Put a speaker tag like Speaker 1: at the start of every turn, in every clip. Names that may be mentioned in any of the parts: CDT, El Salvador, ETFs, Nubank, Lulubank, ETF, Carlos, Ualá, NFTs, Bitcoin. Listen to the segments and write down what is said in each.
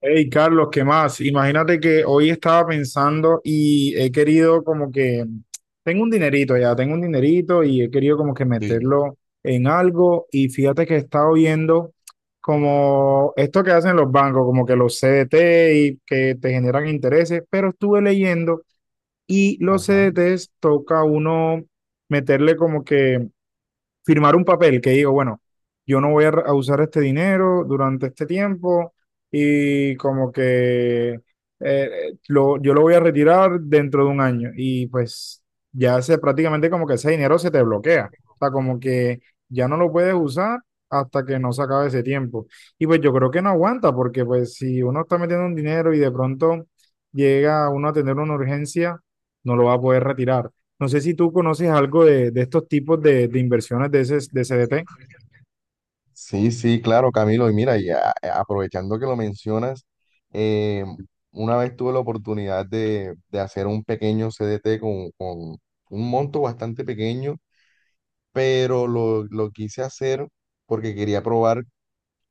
Speaker 1: Hey, Carlos, ¿qué más? Imagínate que hoy estaba pensando y he querido tengo un dinerito ya, tengo un dinerito y he querido como que
Speaker 2: Sí,
Speaker 1: meterlo en algo y fíjate que he estado viendo como esto que hacen los bancos, como que los CDT y que te generan intereses, pero estuve leyendo y los
Speaker 2: ajá.
Speaker 1: CDTs toca uno meterle como que firmar un papel que digo, bueno, yo no voy a usar este dinero durante este tiempo y como que yo lo voy a retirar dentro de un año y pues ya se prácticamente como que ese dinero se te bloquea, o sea, como que ya no lo puedes usar hasta que no se acabe ese tiempo. Y pues yo creo que no aguanta porque pues si uno está metiendo un dinero y de pronto llega uno a tener una urgencia, no lo va a poder retirar. No sé si tú conoces algo de estos tipos de inversiones de, ese, de CDT.
Speaker 2: Sí, sí, claro, Camilo. Y mira, y aprovechando que lo mencionas. eh, una vez tuve la oportunidad de hacer un pequeño CDT con un monto bastante pequeño, pero lo quise hacer porque quería probar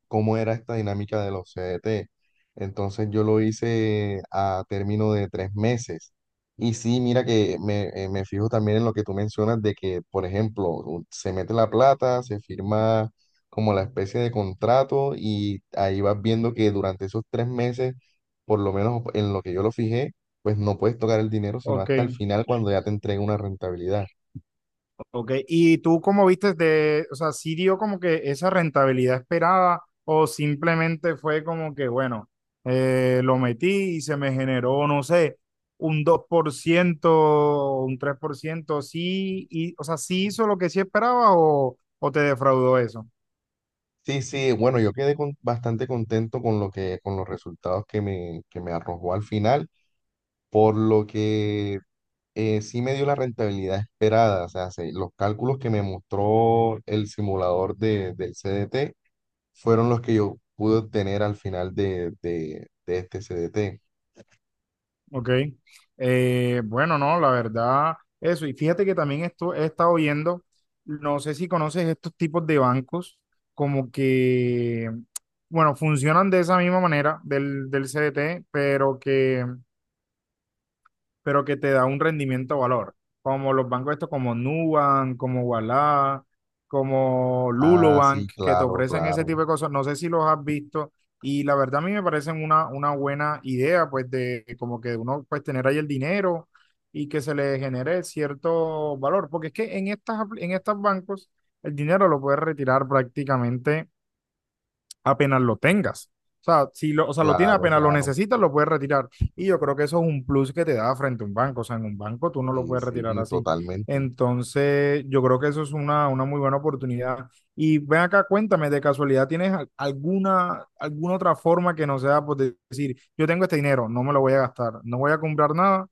Speaker 2: cómo era esta dinámica de los CDT. Entonces yo lo hice a término de 3 meses. Y sí, mira que me fijo también en lo que tú mencionas de que, por ejemplo, se mete la plata, se firma como la especie de contrato y ahí vas viendo que durante esos 3 meses, por lo menos en lo que yo lo fijé, pues no puedes tocar el dinero sino
Speaker 1: Ok,
Speaker 2: hasta el final cuando ya te entrega una rentabilidad.
Speaker 1: ok. ¿Y tú cómo viste de, o sea, sí dio como que esa rentabilidad esperada o simplemente fue como que, bueno, lo metí y se me generó, no sé, un 2%, un 3%, sí, y, o sea, ¿sí hizo lo que sí esperaba o te defraudó eso?
Speaker 2: Sí, sí, bueno, yo quedé bastante contento con lo que, con los resultados que me arrojó al final, por lo que sí me dio la rentabilidad esperada. O sea, los cálculos que me mostró el simulador del CDT fueron los que yo pude obtener al final de este CDT.
Speaker 1: Ok. Bueno, no, la verdad, eso. Y fíjate que también esto he estado viendo. No sé si conoces estos tipos de bancos, como que, bueno, funcionan de esa misma manera del CDT, pero que te da un rendimiento valor, como los bancos estos como Nubank, como Ualá, como
Speaker 2: Ah, sí,
Speaker 1: Lulubank, que te
Speaker 2: claro,
Speaker 1: ofrecen ese
Speaker 2: claro,
Speaker 1: tipo de cosas. No sé si los has visto y la verdad a mí me parecen una buena idea, pues de como que uno pues tener ahí el dinero y que se le genere cierto valor, porque es que en estas, apl- en estos bancos el dinero lo puedes retirar prácticamente apenas lo tengas. O sea, si lo, o sea, lo tienes
Speaker 2: claro,
Speaker 1: apenas lo
Speaker 2: claro.
Speaker 1: necesitas, lo puedes retirar. Y yo creo que eso es un plus que te da frente a un banco. O sea, en un banco tú no lo
Speaker 2: Sí,
Speaker 1: puedes retirar
Speaker 2: sí,
Speaker 1: así.
Speaker 2: totalmente.
Speaker 1: Entonces, yo creo que eso es una muy buena oportunidad. Y ven acá, cuéntame, de casualidad, ¿tienes al- alguna, alguna otra forma que no sea por de- decir, yo tengo este dinero, no me lo voy a gastar, no voy a comprar nada,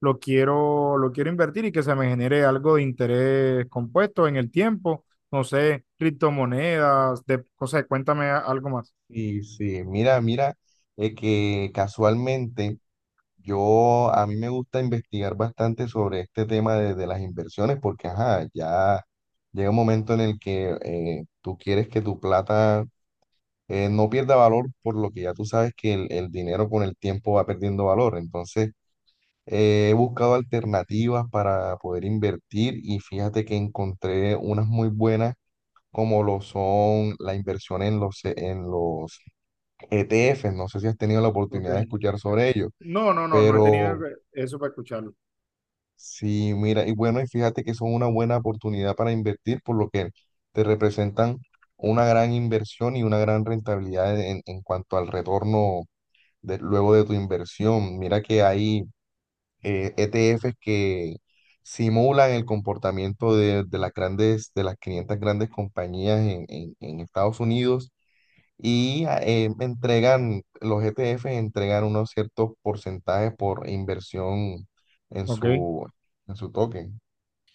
Speaker 1: lo quiero invertir y que se me genere algo de interés compuesto en el tiempo, no sé, criptomonedas, de, o sea, cuéntame a- algo más.
Speaker 2: Y sí, mira, mira, que casualmente a mí me gusta investigar bastante sobre este tema de las inversiones porque, ajá, ya llega un momento en el que tú quieres que tu plata no pierda valor, por lo que ya tú sabes que el dinero con el tiempo va perdiendo valor. Entonces, he buscado alternativas para poder invertir y fíjate que encontré unas muy buenas, como lo son la inversión en los ETFs. No sé si has tenido la
Speaker 1: Ok.
Speaker 2: oportunidad de escuchar sobre ello,
Speaker 1: No, no, no, no he tenido
Speaker 2: pero...
Speaker 1: eso para escucharlo.
Speaker 2: Sí, mira, y bueno, y fíjate que son una buena oportunidad para invertir, por lo que te representan una gran inversión y una gran rentabilidad en cuanto al retorno luego de tu inversión. Mira que hay ETFs que simulan el comportamiento de las 500 grandes compañías en, en Estados Unidos. Y los ETFs entregan unos ciertos porcentajes por inversión en
Speaker 1: Ok.
Speaker 2: su, en su token.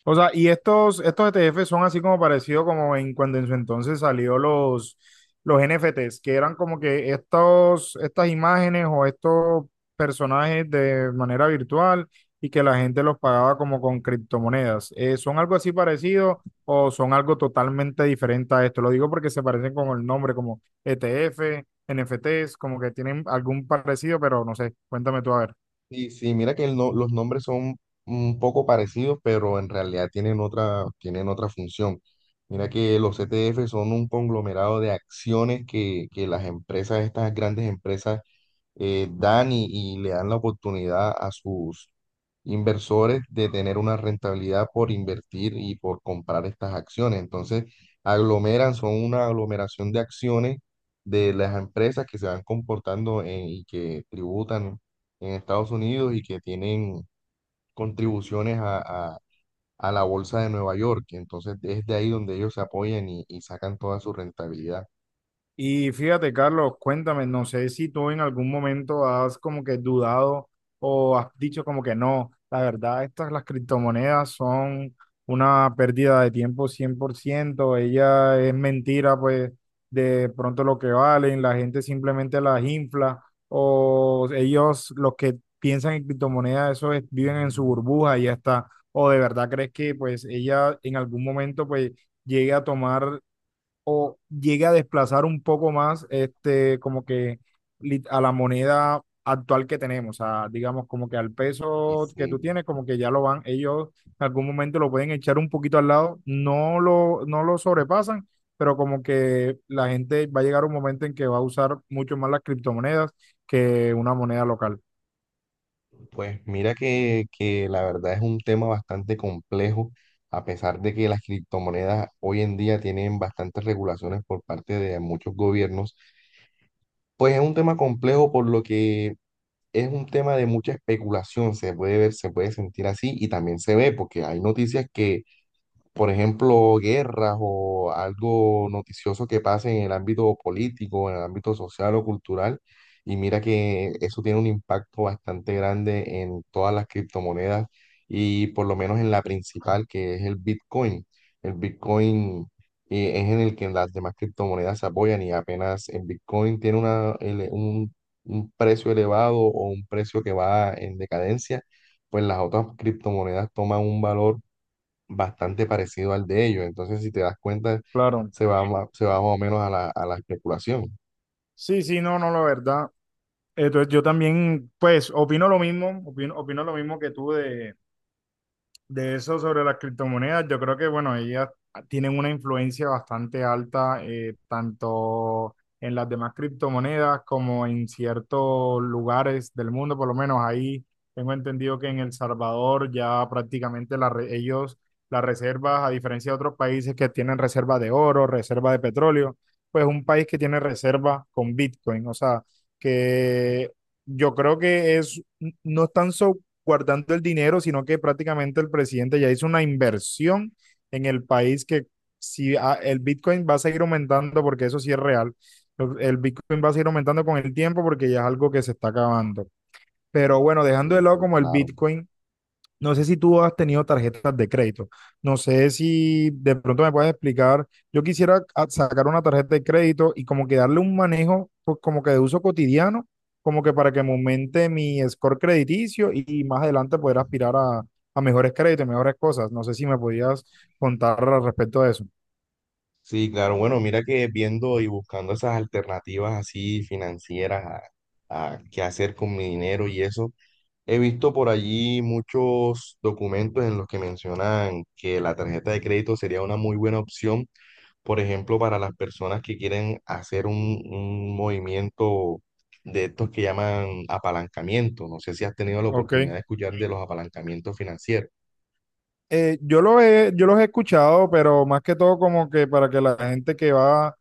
Speaker 1: O sea, y estos ETF son así como parecido como en cuando en su entonces salió los NFTs, que eran como que estos, estas imágenes o estos personajes de manera virtual y que la gente los pagaba como con criptomonedas. ¿Son algo así parecido o son algo totalmente diferente a esto? Lo digo porque se parecen con el nombre, como ETF, NFTs, como que tienen algún parecido, pero no sé, cuéntame tú a ver.
Speaker 2: Sí, sí, mira que el no- los nombres son un poco parecidos, pero en realidad tienen otra función. Mira que los ETF son un conglomerado de acciones que las empresas, estas grandes empresas, dan, y le dan la oportunidad a sus inversores de tener una rentabilidad por invertir y por comprar estas acciones. Entonces, son una aglomeración de acciones de las empresas que se van comportando y que tributan en Estados Unidos y que tienen contribuciones a- a la bolsa de Nueva York. Entonces, es de ahí donde ellos se apoyan y sacan toda su rentabilidad.
Speaker 1: Y fíjate, Carlos, cuéntame, no sé si tú en algún momento has como que dudado o has dicho como que no, la verdad, estas las criptomonedas son una pérdida de tiempo, 100% ella es mentira, pues de pronto lo que valen, la gente simplemente las infla, o ellos los que piensan en criptomonedas, eso es, viven en su burbuja y ya está, o de verdad crees que pues ella en algún momento pues llegue a tomar llegue a desplazar un poco más este, como que lit- a la moneda actual que tenemos, o sea, digamos como que al peso que tú tienes, como que ya lo van, ellos en algún momento lo pueden echar un poquito al lado, no lo sobrepasan, pero como que la gente va a llegar un momento en que va a usar mucho más las criptomonedas que una moneda local.
Speaker 2: Pues mira que la verdad es un tema bastante complejo, a pesar de que las criptomonedas hoy en día tienen bastantes regulaciones por parte de muchos gobiernos. Pues es un tema complejo, por lo que es un tema de mucha especulación. Se puede ver, se puede sentir así, y también se ve porque hay noticias que, por ejemplo, guerras o algo noticioso que pase en el ámbito político, en el ámbito social o cultural. Y mira que eso tiene un impacto bastante grande en todas las criptomonedas, y por lo menos en la principal, que es el Bitcoin. El Bitcoin es en el que las demás criptomonedas se apoyan, y apenas el Bitcoin tiene un precio elevado o un precio que va en decadencia, pues las otras criptomonedas toman un valor bastante parecido al de ellos. Entonces, si te das cuenta,
Speaker 1: Claro.
Speaker 2: se va más o menos a la especulación.
Speaker 1: Sí, sí, no, no, la verdad. Entonces yo también, pues, opino lo mismo, opino lo mismo que tú de eso sobre las criptomonedas, yo creo que, bueno, ellas tienen una influencia bastante alta, tanto en las demás criptomonedas como en ciertos lugares del mundo, por lo menos ahí tengo entendido que en El Salvador ya prácticamente la re- ellos, las reservas, a diferencia de otros países que tienen reserva de oro, reserva de petróleo, pues un país que tiene reserva con Bitcoin, o sea, que yo creo que es, no están so- guardando el dinero, sino que prácticamente el presidente ya hizo una inversión en el país que si ah, el Bitcoin va a seguir aumentando, porque eso sí es real, el Bitcoin va a seguir aumentando con el tiempo porque ya es algo que se está acabando. Pero bueno, dejando de
Speaker 2: Sí,
Speaker 1: lado
Speaker 2: sí,
Speaker 1: como el
Speaker 2: claro.
Speaker 1: Bitcoin, no sé si tú has tenido tarjetas de crédito. No sé si de pronto me puedes explicar. Yo quisiera a- sacar una tarjeta de crédito y como que darle un manejo pues, como que de uso cotidiano, como que para que me aumente mi score crediticio y más adelante poder aspirar a mejores créditos, mejores cosas. No sé si me podías contar al respecto de eso.
Speaker 2: Sí, claro. Bueno, mira que viendo y buscando esas alternativas así financieras a qué hacer con mi dinero y eso, he visto por allí muchos documentos en los que mencionan que la tarjeta de crédito sería una muy buena opción. Por ejemplo, para las personas que quieren hacer un movimiento de estos que llaman apalancamiento. No sé si has tenido la
Speaker 1: Ok.
Speaker 2: oportunidad de escuchar de los apalancamientos financieros.
Speaker 1: Yo los he escuchado, pero más que todo como que para que la gente que va,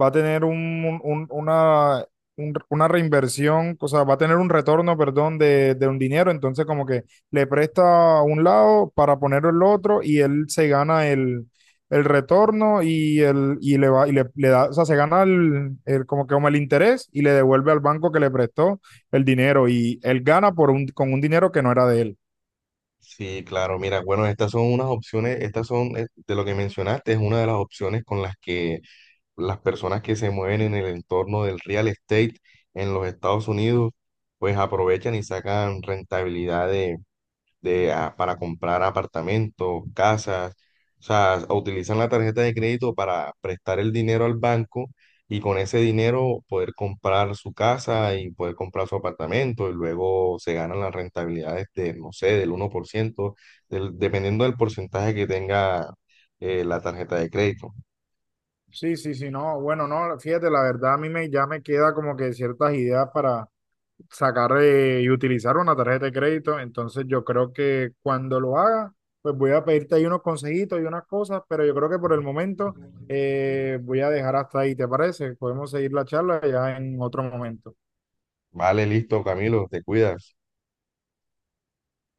Speaker 1: va a tener una, una reinversión, o sea, va a tener un retorno, perdón, de un dinero, entonces como que le presta a un lado para ponerlo el otro y él se gana el retorno y, el, y le va, y le da, o sea, se gana el- como que como el interés y le devuelve al banco que le prestó el dinero y él gana por un, con un dinero que no era de él.
Speaker 2: Sí, claro, mira, bueno, estas son unas opciones. De lo que mencionaste, es una de las opciones con las que las personas que se mueven en el entorno del real estate en los Estados Unidos pues aprovechan y sacan rentabilidad de, ah para comprar apartamentos, casas. O sea, utilizan la tarjeta de crédito para prestar el dinero al banco, y con ese dinero poder comprar su casa y poder comprar su apartamento, y luego se ganan las rentabilidades de, no sé, del 1%, dependiendo del porcentaje que tenga la tarjeta de crédito.
Speaker 1: Sí, sí, sí, no, bueno, no, fíjate, la verdad a mí me, ya me queda como que ciertas ideas para sacar y utilizar una tarjeta de crédito, entonces yo creo que cuando lo haga, pues voy a pedirte ahí unos consejitos y unas cosas, pero yo creo que por el momento, voy a dejar hasta ahí, ¿te parece? Podemos seguir la charla ya en otro momento.
Speaker 2: Vale, listo, Camilo, te cuidas.